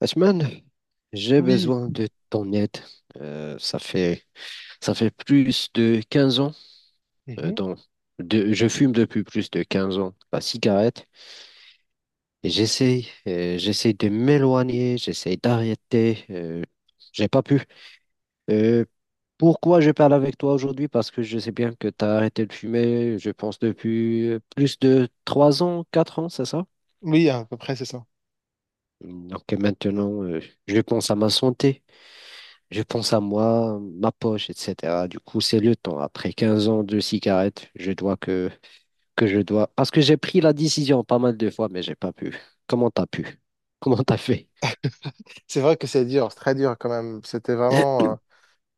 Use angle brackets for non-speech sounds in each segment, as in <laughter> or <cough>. Ashman, j'ai Oui. besoin de ton aide. Euh, ça fait, Ça fait plus de 15 ans. euh, Mhm. dans- je fume depuis plus de 15 ans la cigarette et j'essaye de m'éloigner, j'essaie d'arrêter. J'ai pas pu. Euh, Pourquoi je parle avec toi aujourd'hui? Parce que je sais bien que tu as arrêté de fumer, je pense, depuis plus de 3 ans, 4 ans, c'est ça? Oui, à peu près, c'est ça. Donc maintenant, je pense à ma santé. Je pense à moi, ma poche, etc. Du coup, c'est le temps. Après 15 ans de cigarettes, que je dois. Parce que j'ai pris la décision pas mal de fois, mais j'ai pas pu. Comment t'as pu? <laughs> Comment t'as fait? C'est vrai que c'est dur, c'est très dur quand même. C'était vraiment,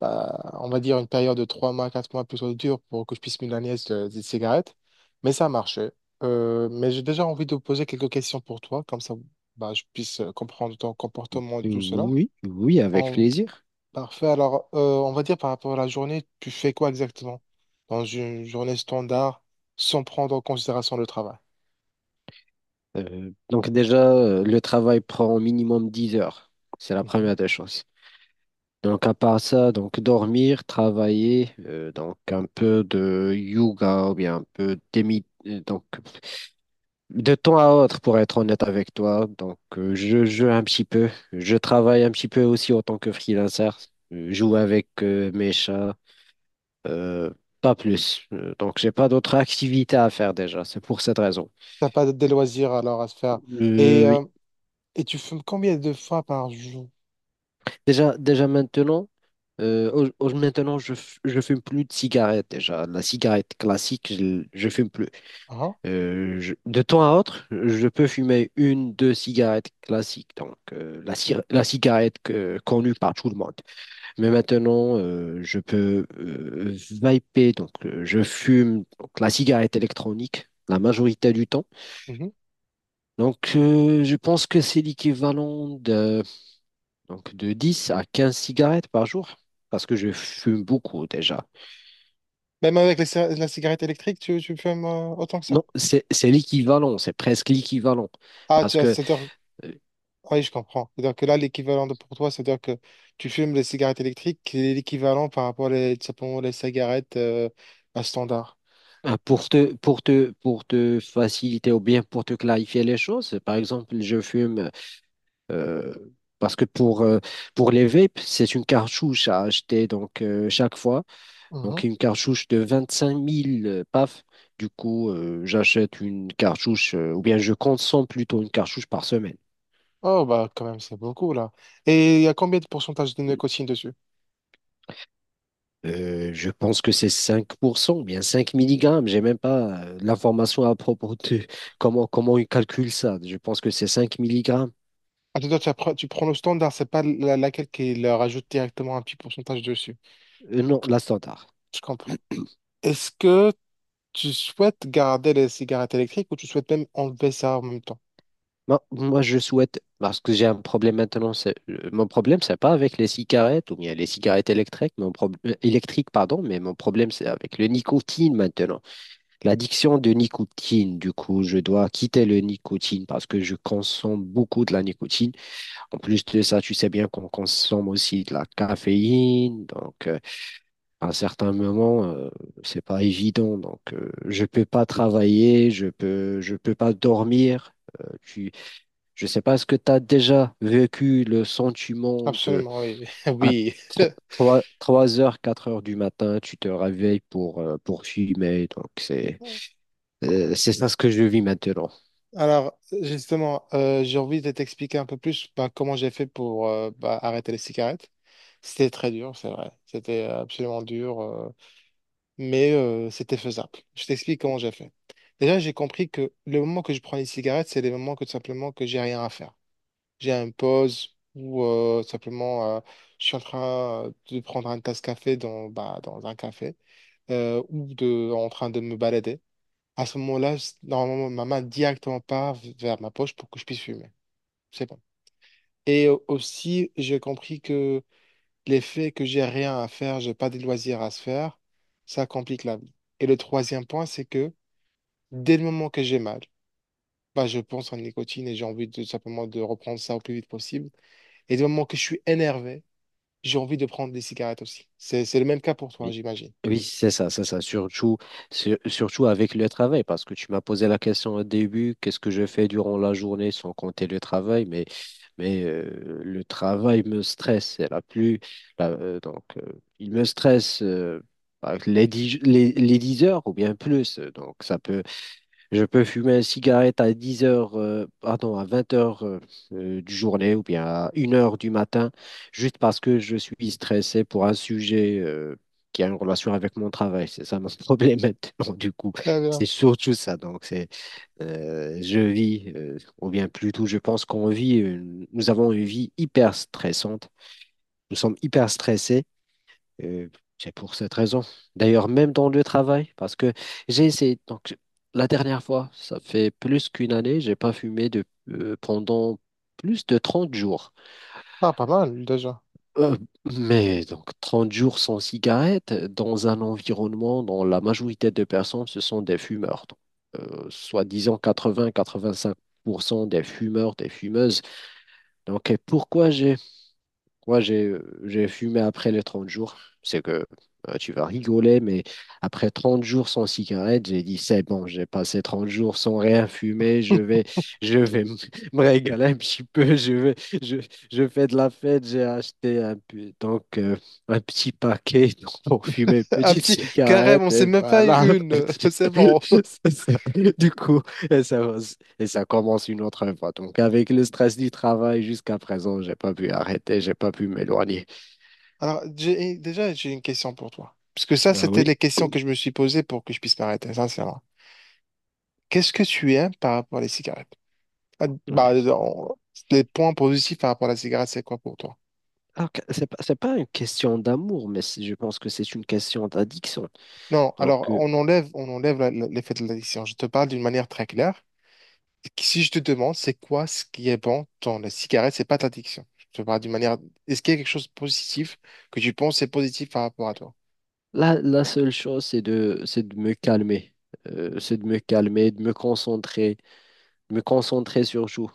bah, on va dire, une période de 3 mois, 4 mois plutôt dure pour que je puisse me nièce des cigarettes. Mais ça a marché. Mais j'ai déjà envie de poser quelques questions pour toi, comme ça, bah, je puisse comprendre ton comportement et tout cela. Oui, oui, avec En... plaisir. Parfait. Alors, on va dire par rapport à la journée, tu fais quoi exactement dans une journée standard sans prendre en considération le travail? Donc déjà, le travail prend au minimum 10 heures. C'est la Mhm. première des choses. Donc à part ça, donc dormir, travailler, donc un peu de yoga ou bien un peu donc de temps à autre, pour être honnête avec toi, donc je joue un petit peu. Je travaille un petit peu aussi en tant que freelancer. Je joue avec mes chats, euh, pas plus. Donc j'ai pas d'autres activités à faire déjà. C'est pour cette raison. T'as pas des loisirs alors à se faire. Et Oui. euh, Et tu fumes combien de fois par jour? Déjà maintenant, maintenant je fume plus de cigarettes déjà. La cigarette classique, je fume plus. Ah. De temps à autre, je peux fumer une, deux cigarettes classiques, donc la cigarette connue par tout le monde. Mais maintenant, je peux vaper, donc je fume donc, la cigarette électronique la majorité du temps. Mhm. Donc, je pense que c'est l'équivalent de, donc, de 10 à 15 cigarettes par jour, parce que je fume beaucoup déjà. Même avec la cigarette électrique, tu fumes autant que ça. Non, c'est l'équivalent, c'est presque l'équivalent, Ah, parce que c'est-à-dire, euh, ah oui, je comprends. C'est-à-dire que là, l'équivalent de pour toi, c'est-à-dire que tu fumes les cigarettes électriques, qui est l'équivalent par rapport tout simplement les cigarettes à standard. ah, pour te faciliter ou bien pour te clarifier les choses, par exemple, je fume euh, parce que pour les vapes, c'est une cartouche à acheter donc chaque fois. Mhm. Donc une cartouche de 25 000, paf. Du coup, j'achète une cartouche ou bien je consomme plutôt une cartouche par semaine. Oh, bah, quand même, c'est beaucoup, là. Et il y a combien de pourcentage de nicotine dessus? Je pense que c'est 5% ou bien 5 milligrammes. J'ai même pas l'information à propos de comment ils calculent ça. Je pense que c'est 5 milligrammes. Ah, tu, dois- tu appre- tu prends le standard, c'est pas laquelle qui leur rajoute directement un petit pourcentage dessus. Non, la standard. Je comprends. Est-ce que Tu souhaites garder les cigarettes électriques ou tu souhaites même enlever ça en même temps? Moi, je souhaite, parce que j'ai un problème maintenant, mon problème, c'est pas avec les cigarettes ou bien les cigarettes électriques, électriques, pardon, mais mon problème, c'est avec le nicotine maintenant. L'addiction de nicotine, du coup, je dois quitter le nicotine parce que je consomme beaucoup de la nicotine. En plus de ça, tu sais bien qu'on consomme aussi de la caféine, donc à un certain moment, c'est pas évident. Donc, je peux pas travailler, je peux pas dormir. Euh, tu, je sais pas, est-ce que tu as déjà vécu le sentiment de Absolument, à oui. <laughs> trois heures, 4 heures du matin, tu te réveilles pour fumer. Donc, Oui. C'est ça ce que je vis maintenant. Alors, justement, j'ai envie de t'expliquer un peu plus bah, comment j'ai fait pour bah, arrêter les cigarettes. C'était très dur, c'est vrai. C'était absolument dur, mais c'était faisable. Je t'explique comment j'ai fait. Déjà, j'ai compris que le moment que je prends les cigarettes, c'est les moments que tout simplement que j'ai rien à faire. J'ai une pause ou simplement je suis en train de prendre un tasse café bah, dans un café ou en train de me balader. À ce moment-là, normalement, ma main directement part vers ma poche pour que je puisse fumer. C'est bon. Et aussi, j'ai compris que l'effet que j'ai rien à faire, j'ai pas de loisirs à se faire, ça complique la vie. Et le troisième point, c'est que dès le moment que j'ai mal, bah, je pense en nicotine et j'ai envie de simplement de reprendre ça au plus vite possible. Et dès le moment que je suis énervé, j'ai envie de prendre des cigarettes aussi. C'est le même cas pour toi, Oui, j'imagine. oui, c'est ça, c'est ça. Surtout avec le travail, parce que tu m'as posé la question au début, qu'est-ce que je fais durant la journée sans compter le travail, mais le travail me stresse. C'est la plus, la- euh, donc, euh, il me stresse avec les 10, les 10 heures ou bien plus. Donc, je peux fumer une cigarette à 10 heures, pardon, à 20 heures, du journée ou bien à une heure du matin, juste parce que je suis stressé pour un sujet qui a une relation avec mon travail. C'est ça mon <laughs> problème maintenant, du coup. Très bien. C'est surtout ça. Donc, je vis, ou bien plutôt, je pense qu'on vit, nous avons une vie hyper stressante. Nous sommes hyper stressés, euh, c'est pour cette raison. D'ailleurs, même dans le travail, parce que j'ai essayé, donc la dernière fois, ça fait plus qu'une année, j'ai pas fumé pendant plus de trente jours. Ah, pas mal, déjà. Euh, mais donc 30 jours sans cigarette, dans un environnement dont la majorité de personnes, ce sont des fumeurs. Donc, soi-disant quatre-vingts-quatre-vingt-cinq pour cent des fumeurs, des fumeuses. Donc, et pourquoi j'ai... Moi, j'ai fumé après les 30 jours. C'est que tu vas rigoler, mais après 30 jours sans cigarette, j'ai dit, c'est bon, j'ai passé 30 jours sans rien fumer, je vais, je vais m- <laughs> me régaler un petit peu, je vais, je, je fais de la fête, j'ai acheté un petit paquet <laughs> donc, pour fumer une <laughs> Un petite petit, carrément, on cigarette, c'est et même pas voilà. <laughs> une. <laughs> C'est bon. C'est ça. Du coup, ça va, et ça commence une autre fois. Donc, avec le stress du travail jusqu'à présent, j'ai pas pu arrêter, j'ai pas pu m'éloigner. Alors, déjà, j'ai une question pour toi. Parce que ça, Ah c'était oui. les questions que je me suis posées pour que je puisse m'arrêter, sincèrement. Qu'est-ce que tu aimes par rapport à les cigarettes? Ah, bah, Ouais. Les points positifs par rapport à la cigarette, c'est quoi pour toi? Alors que c'est pas une question d'amour, mais je pense que c'est une question d'addiction. Non, Donc, alors, on enlève l'effet de l'addiction. Je te parle d'une manière très claire. Si je te demande, c'est quoi ce qui est bon dans la cigarette, c'est pas ta addiction. Je te parle d'une manière. Est-ce qu'il y a quelque chose de positif que tu penses est positif par rapport à toi? La seule chose, c'est de me calmer. C'est de me calmer, de me concentrer, sur tout.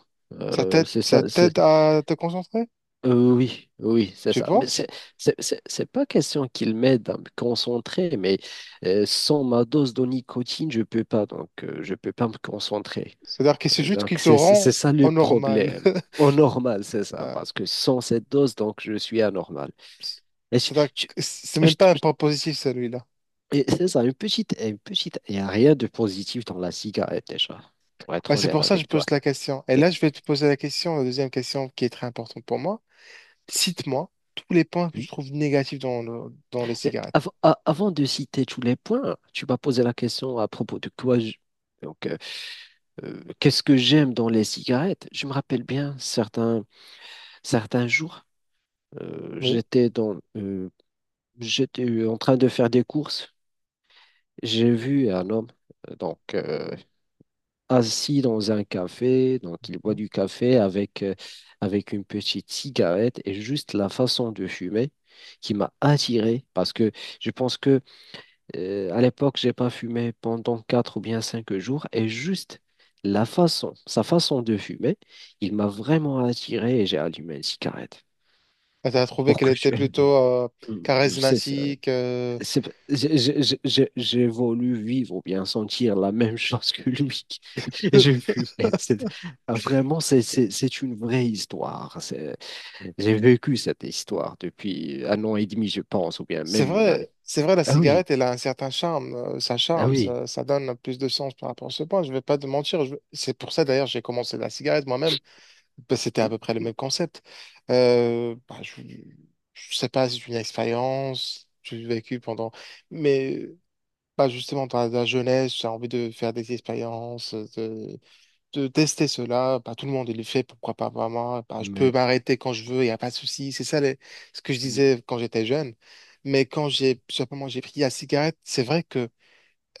Ça Euh, t'aide, c'est ça ça, t'aide à te concentrer? Oui, oui, c'est Tu ça. Mais penses? C'est pas question qu'il m'aide à me concentrer, mais sans ma dose de nicotine, je peux pas, donc je peux pas me concentrer. C'est-à-dire que c'est juste Donc qui te c'est rend ça le au normal. problème. <laughs> Au normal, c'est ça, Bah, parce que sans cette dose, donc je suis anormal. c- Et je- c'est-à-dire je- que c'est je- même pas un je- point positif celui-là. et c'est ça, une petite. Il n'y a rien de positif dans la cigarette déjà, pour Bah, être c'est honnête pour ça que je avec pose toi. la question. Et Mais là, je vais te poser la question, la deuxième question qui est très importante pour moi. Cite-moi tous les points que je oui. trouve négatifs dans les Et cigarettes. av- a- avant de citer tous les points, tu m'as posé la question à propos de donc, qu'est-ce que j'aime dans les cigarettes? Je me rappelle bien certains jours, euh, Oui. j'étais dans, euh, j'étais en train de faire des courses. J'ai vu un homme euh, donc euh, assis dans un café, donc il boit du café avec une petite cigarette et juste la façon de fumer qui m'a attiré parce que je pense que... À l'époque, j'ai pas fumé pendant quatre ou bien cinq jours et juste sa façon de fumer, il m'a vraiment attiré et j'ai allumé une cigarette. Et t'as trouvé Pour qu'elle que était tu aies- plutôt Euh, <laughs> c'est ça. charismatique. C'est- j'ai voulu vivre ou bien sentir la même <laughs> chose que lui. <laughs> Et j'ai <laughs> fumé. C'est- Vraiment, c'est une vraie histoire. J'ai vécu cette histoire depuis un an et demi, je pense, ou bien même une année. C'est vrai, la Ah oui, cigarette, elle a un certain charme, ça ah charme, oui. ça donne plus de sens par rapport à ce point. Je vais pas te mentir, c'est pour ça d'ailleurs j'ai commencé la cigarette moi-même. Bah, c'était à peu près le même concept. Bah, je sais pas, c'est une expérience que j'ai vécue pendant, mais pas justement dans la jeunesse, j'ai envie de faire des expériences, de tester cela. Bah, tout le monde il le fait, pourquoi pas moi? Bah, je peux Mais, m'arrêter quand je veux, il n'y a pas de souci. C'est ça ce que je disais quand j'étais jeune. Mais quand j'ai pris la cigarette, c'est vrai que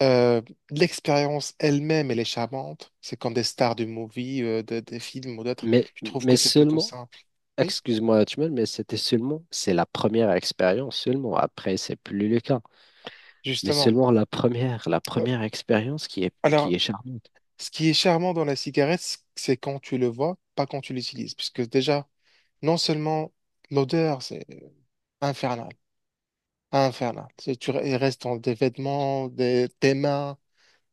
euh, l'expérience elle-même, elle est charmante. C'est comme des stars du movie, des films ou d'autres. Mais, Je trouve mais que c'est plutôt seulement, simple. Oui, excuse-moi, Hachmel, mais c'est la première expérience seulement. Après, c'est plus le cas. Mais justement. seulement la Euh, première expérience qui Alors, est charmante. ce qui est charmant dans la cigarette, c'est quand tu le vois, pas quand tu l'utilises. Puisque déjà, non seulement l'odeur, c'est infernal. Infernal. Il reste dans des vêtements, tes mains,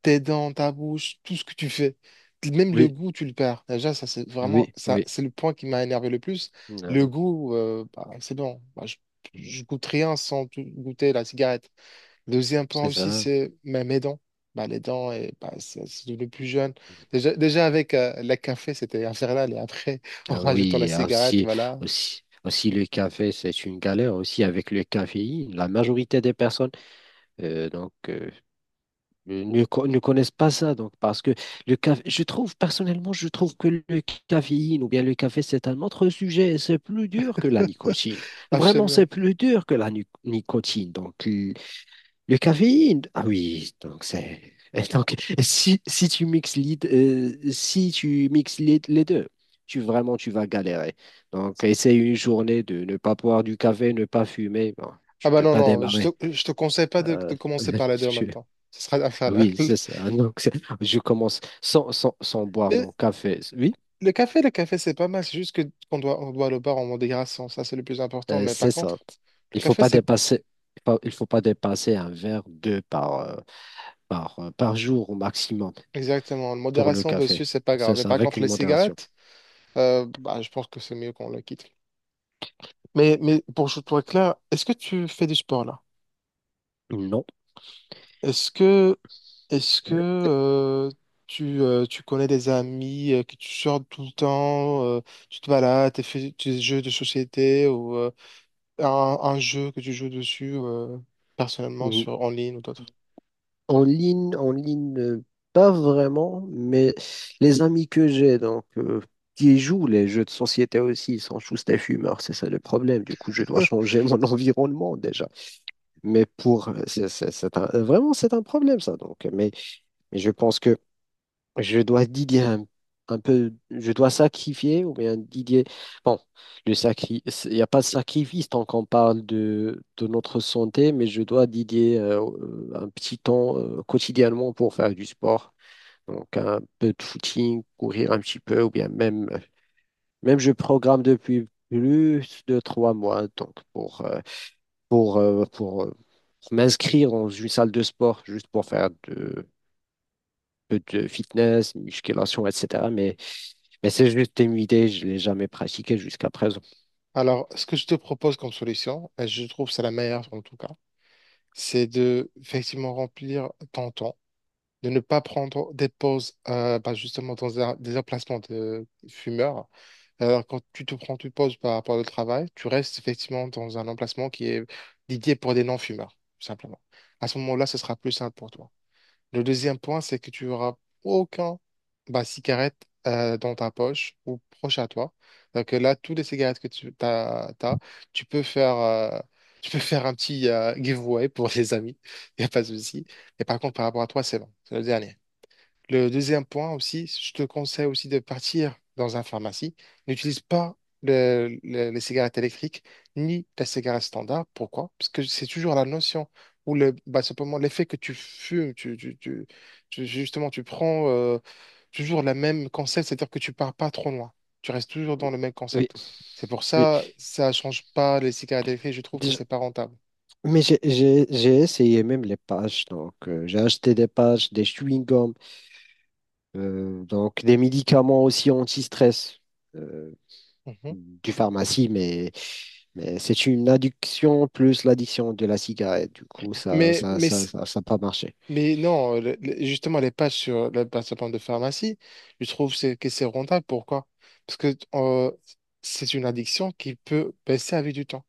tes dents, ta bouche, tout ce que tu fais. Même le Oui, goût, tu le perds. Déjà, ça, c'est vraiment, oui, ça, oui. c'est le point qui m'a énervé le plus. Le Euh, goût, bah, c'est bon. Bah, je goûte rien sans goûter la cigarette. Deuxième point c'est aussi, ça. c'est bah, mes dents. Bah, les dents, et, bah, c'est devenu plus jeune. Déjà avec la café, c'était infernal. Et après, en Ah rajoutant oui, la et cigarette, voilà. Aussi le café, c'est une galère aussi avec le caféine. La majorité des personnes, euh, donc, euh, ne connaissent pas ça. Donc, parce que le café, je trouve, personnellement, je trouve que le caféine ou bien le café, c'est un autre sujet. C'est plus dur que la nicotine. Vraiment, c'est Absolument. plus dur que nicotine. Donc, le caféine, ah oui, donc c'est. Et donc, si tu mixes les, les deux, tu vraiment tu vas galérer. Donc, essaye une journée de ne pas boire du café, ne pas fumer. Bon, Ah tu bah peux non, pas non, je démarrer. te, je te conseille pas de, Euh, de commencer par les deux en même temps. <laughs> Ce sera Ah infernal. oui, <laughs> c'est ça. <laughs> Donc, je commence sans boire Mais mon café. Oui, le café, c'est pas mal. C'est juste que qu'on doit le boire en modération. Ça, c'est le plus important. Mais par c'est ça. contre, le Il faut café, pas c'est dépasser, il faut pas dépasser un verre, deux par jour au maximum exactement. La pour le modération dessus, café. c'est pas grave. C'est Mais ça, par avec contre, une les modération. cigarettes, bah, je pense que c'est mieux qu'on le quitte. Mais pour que je sois clair, est-ce que tu fais du sport là? Non. Est-ce que, est-ce que tu connais des amis que tu sors tout le temps, tu te balades, tu fais des jeux de société ou un jeu que tu joues dessus personnellement sur, en ligne ou d'autres? En ligne, pas vraiment, mais les amis que j'ai, donc, qui jouent les jeux de société aussi, ils sont tous des fumeurs, c'est ça le problème. Du coup, je dois <laughs> changer mon <laughs> environnement déjà. Mais pour, c'est un- Vraiment, c'est un problème ça. Donc, mais je pense que je dois Didier un peu, je dois sacrifier ou bien Didier. Bon, il n'y a pas de sacrifice tant qu'on parle de notre santé, mais je dois Didier un petit temps quotidiennement pour faire du sport. Donc un peu de footing, courir un petit peu, ou bien même je programme depuis plus de trois mois, donc pour m'inscrire dans une salle de sport, juste pour faire peu de fitness, musculation, etc. Mais c'est juste une idée, je ne l'ai jamais pratiqué jusqu'à présent. Alors, ce que je te propose comme solution, et je trouve que c'est la meilleure en tout cas, c'est de effectivement remplir ton temps de ne pas prendre des pauses bah, justement dans des emplacements de fumeurs. Alors, quand tu te prends une pause par rapport au travail, tu restes effectivement dans un emplacement qui est dédié pour des non-fumeurs, tout simplement. À ce moment-là, ce sera plus simple pour toi. Le deuxième point, c'est que tu auras aucun bah, cigarette dans ta poche ou proche à toi. Donc là, toutes les cigarettes que tu tu peux faire un petit giveaway pour les amis. <laughs> Il n'y a pas de souci. Et par contre, par rapport à toi, c'est bon. C'est le dernier. Le deuxième point aussi, je te conseille aussi de partir dans un pharmacie. N'utilise pas les cigarettes électriques ni la cigarette standard. Pourquoi? Parce que c'est toujours la notion ou le, bah, simplement l'effet que tu fumes, justement, tu prends toujours le même concept, c'est-à-dire que tu pars pas trop loin. Tu restes toujours dans le même Oui, concept. C'est pour oui. ça, ça change pas les cigarettes électriques. Je trouve que Déjà- c'est pas rentable. J'ai essayé même les patchs. Donc, j'ai acheté des patchs, des chewing-gums, donc des médicaments aussi anti-stress, euh, Mhm. du pharmacie, mais... Mais c'est une addiction plus l'addiction de la cigarette. Du coup, Mais, mais ça a pas marché. Mais non, justement, les pages sur la plateforme de pharmacie, je trouve que c'est rentable. Pourquoi? Parce que c'est une addiction qui peut baisser avec du temps.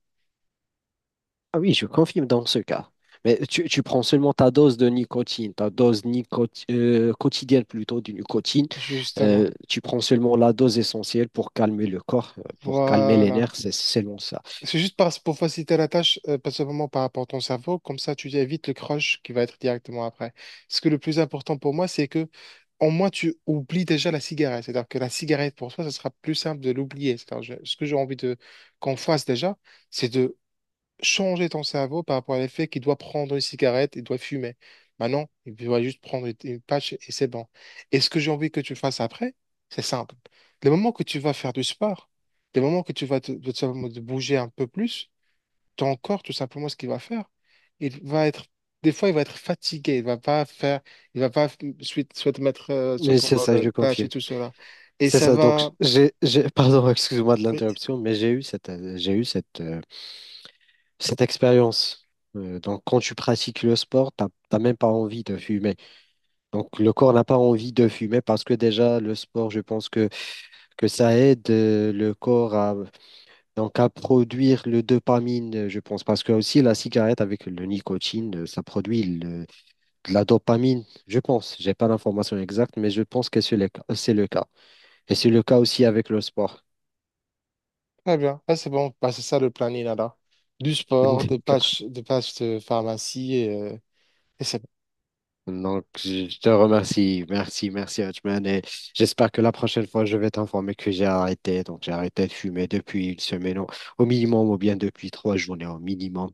Ah oui, je confirme dans ce cas. Mais tu prends seulement ta dose de nicotine, quotidienne plutôt de nicotine. Justement. Tu prends seulement la dose essentielle pour calmer le corps, pour calmer les Voilà. nerfs, c'est seulement ça. C'est juste pour faciliter la tâche, principalement par rapport à ton cerveau. Comme ça, tu évites le crush qui va être directement après. Ce que le plus important pour moi, c'est que au moins, tu oublies déjà la cigarette. C'est-à-dire que la cigarette, pour toi, ce sera plus simple de l'oublier. C'est-à-dire, ce que j'ai envie de qu'on fasse déjà, c'est de changer ton cerveau par rapport à l'effet qu'il doit prendre une cigarette, il doit fumer. Maintenant, il doit juste prendre une patch et c'est bon. Et ce que j'ai envie que tu fasses après, c'est simple. Le moment que tu vas faire du sport, le moment que tu vas te bouger un peu plus, ton corps, tout simplement, ce qu'il va faire, il va être, des fois, il va être fatigué, il va pas suite, souhaite mettre, Mais c'est prendre ça, le je patch et confirme. tout cela. Et C'est ça ça. Donc, va. <laughs> Pardon, excuse-moi de l'interruption, mais j'ai eu cette, cette expérience. Donc, quand tu pratiques le sport, t'as même pas envie de fumer. Donc, le corps n'a pas envie de fumer parce que déjà, le sport, je pense que ça aide le corps donc à produire le dopamine, je pense, parce que aussi la cigarette avec le nicotine, ça produit de la dopamine, je pense. J'ai pas l'information exacte, mais je pense que c'est le cas. Et c'est le cas aussi avec le sport. Très bien. Ah, c'est bon, bah, c'est ça le planning alors. Du <laughs> sport, des D'accord. pages, des pages de pharmacie et c'est bon. Donc, je te remercie. Merci, merci, Hotman. Et j'espère que la prochaine fois, je vais t'informer que j'ai arrêté. Donc, j'ai arrêté de fumer depuis une semaine au minimum, ou bien depuis trois journées au minimum.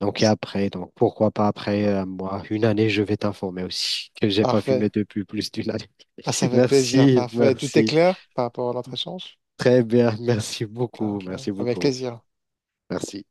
Donc, et après, donc pourquoi pas après moi, une année, je vais t'informer aussi <laughs> que j'ai pas Parfait. fumé depuis plus d'une année. Ah, ça <laughs> fait plaisir, Merci, parfait. Tout est merci. clair par rapport à notre échange? Très bien, merci beaucoup, Parfait. merci Avec beaucoup, plaisir. merci.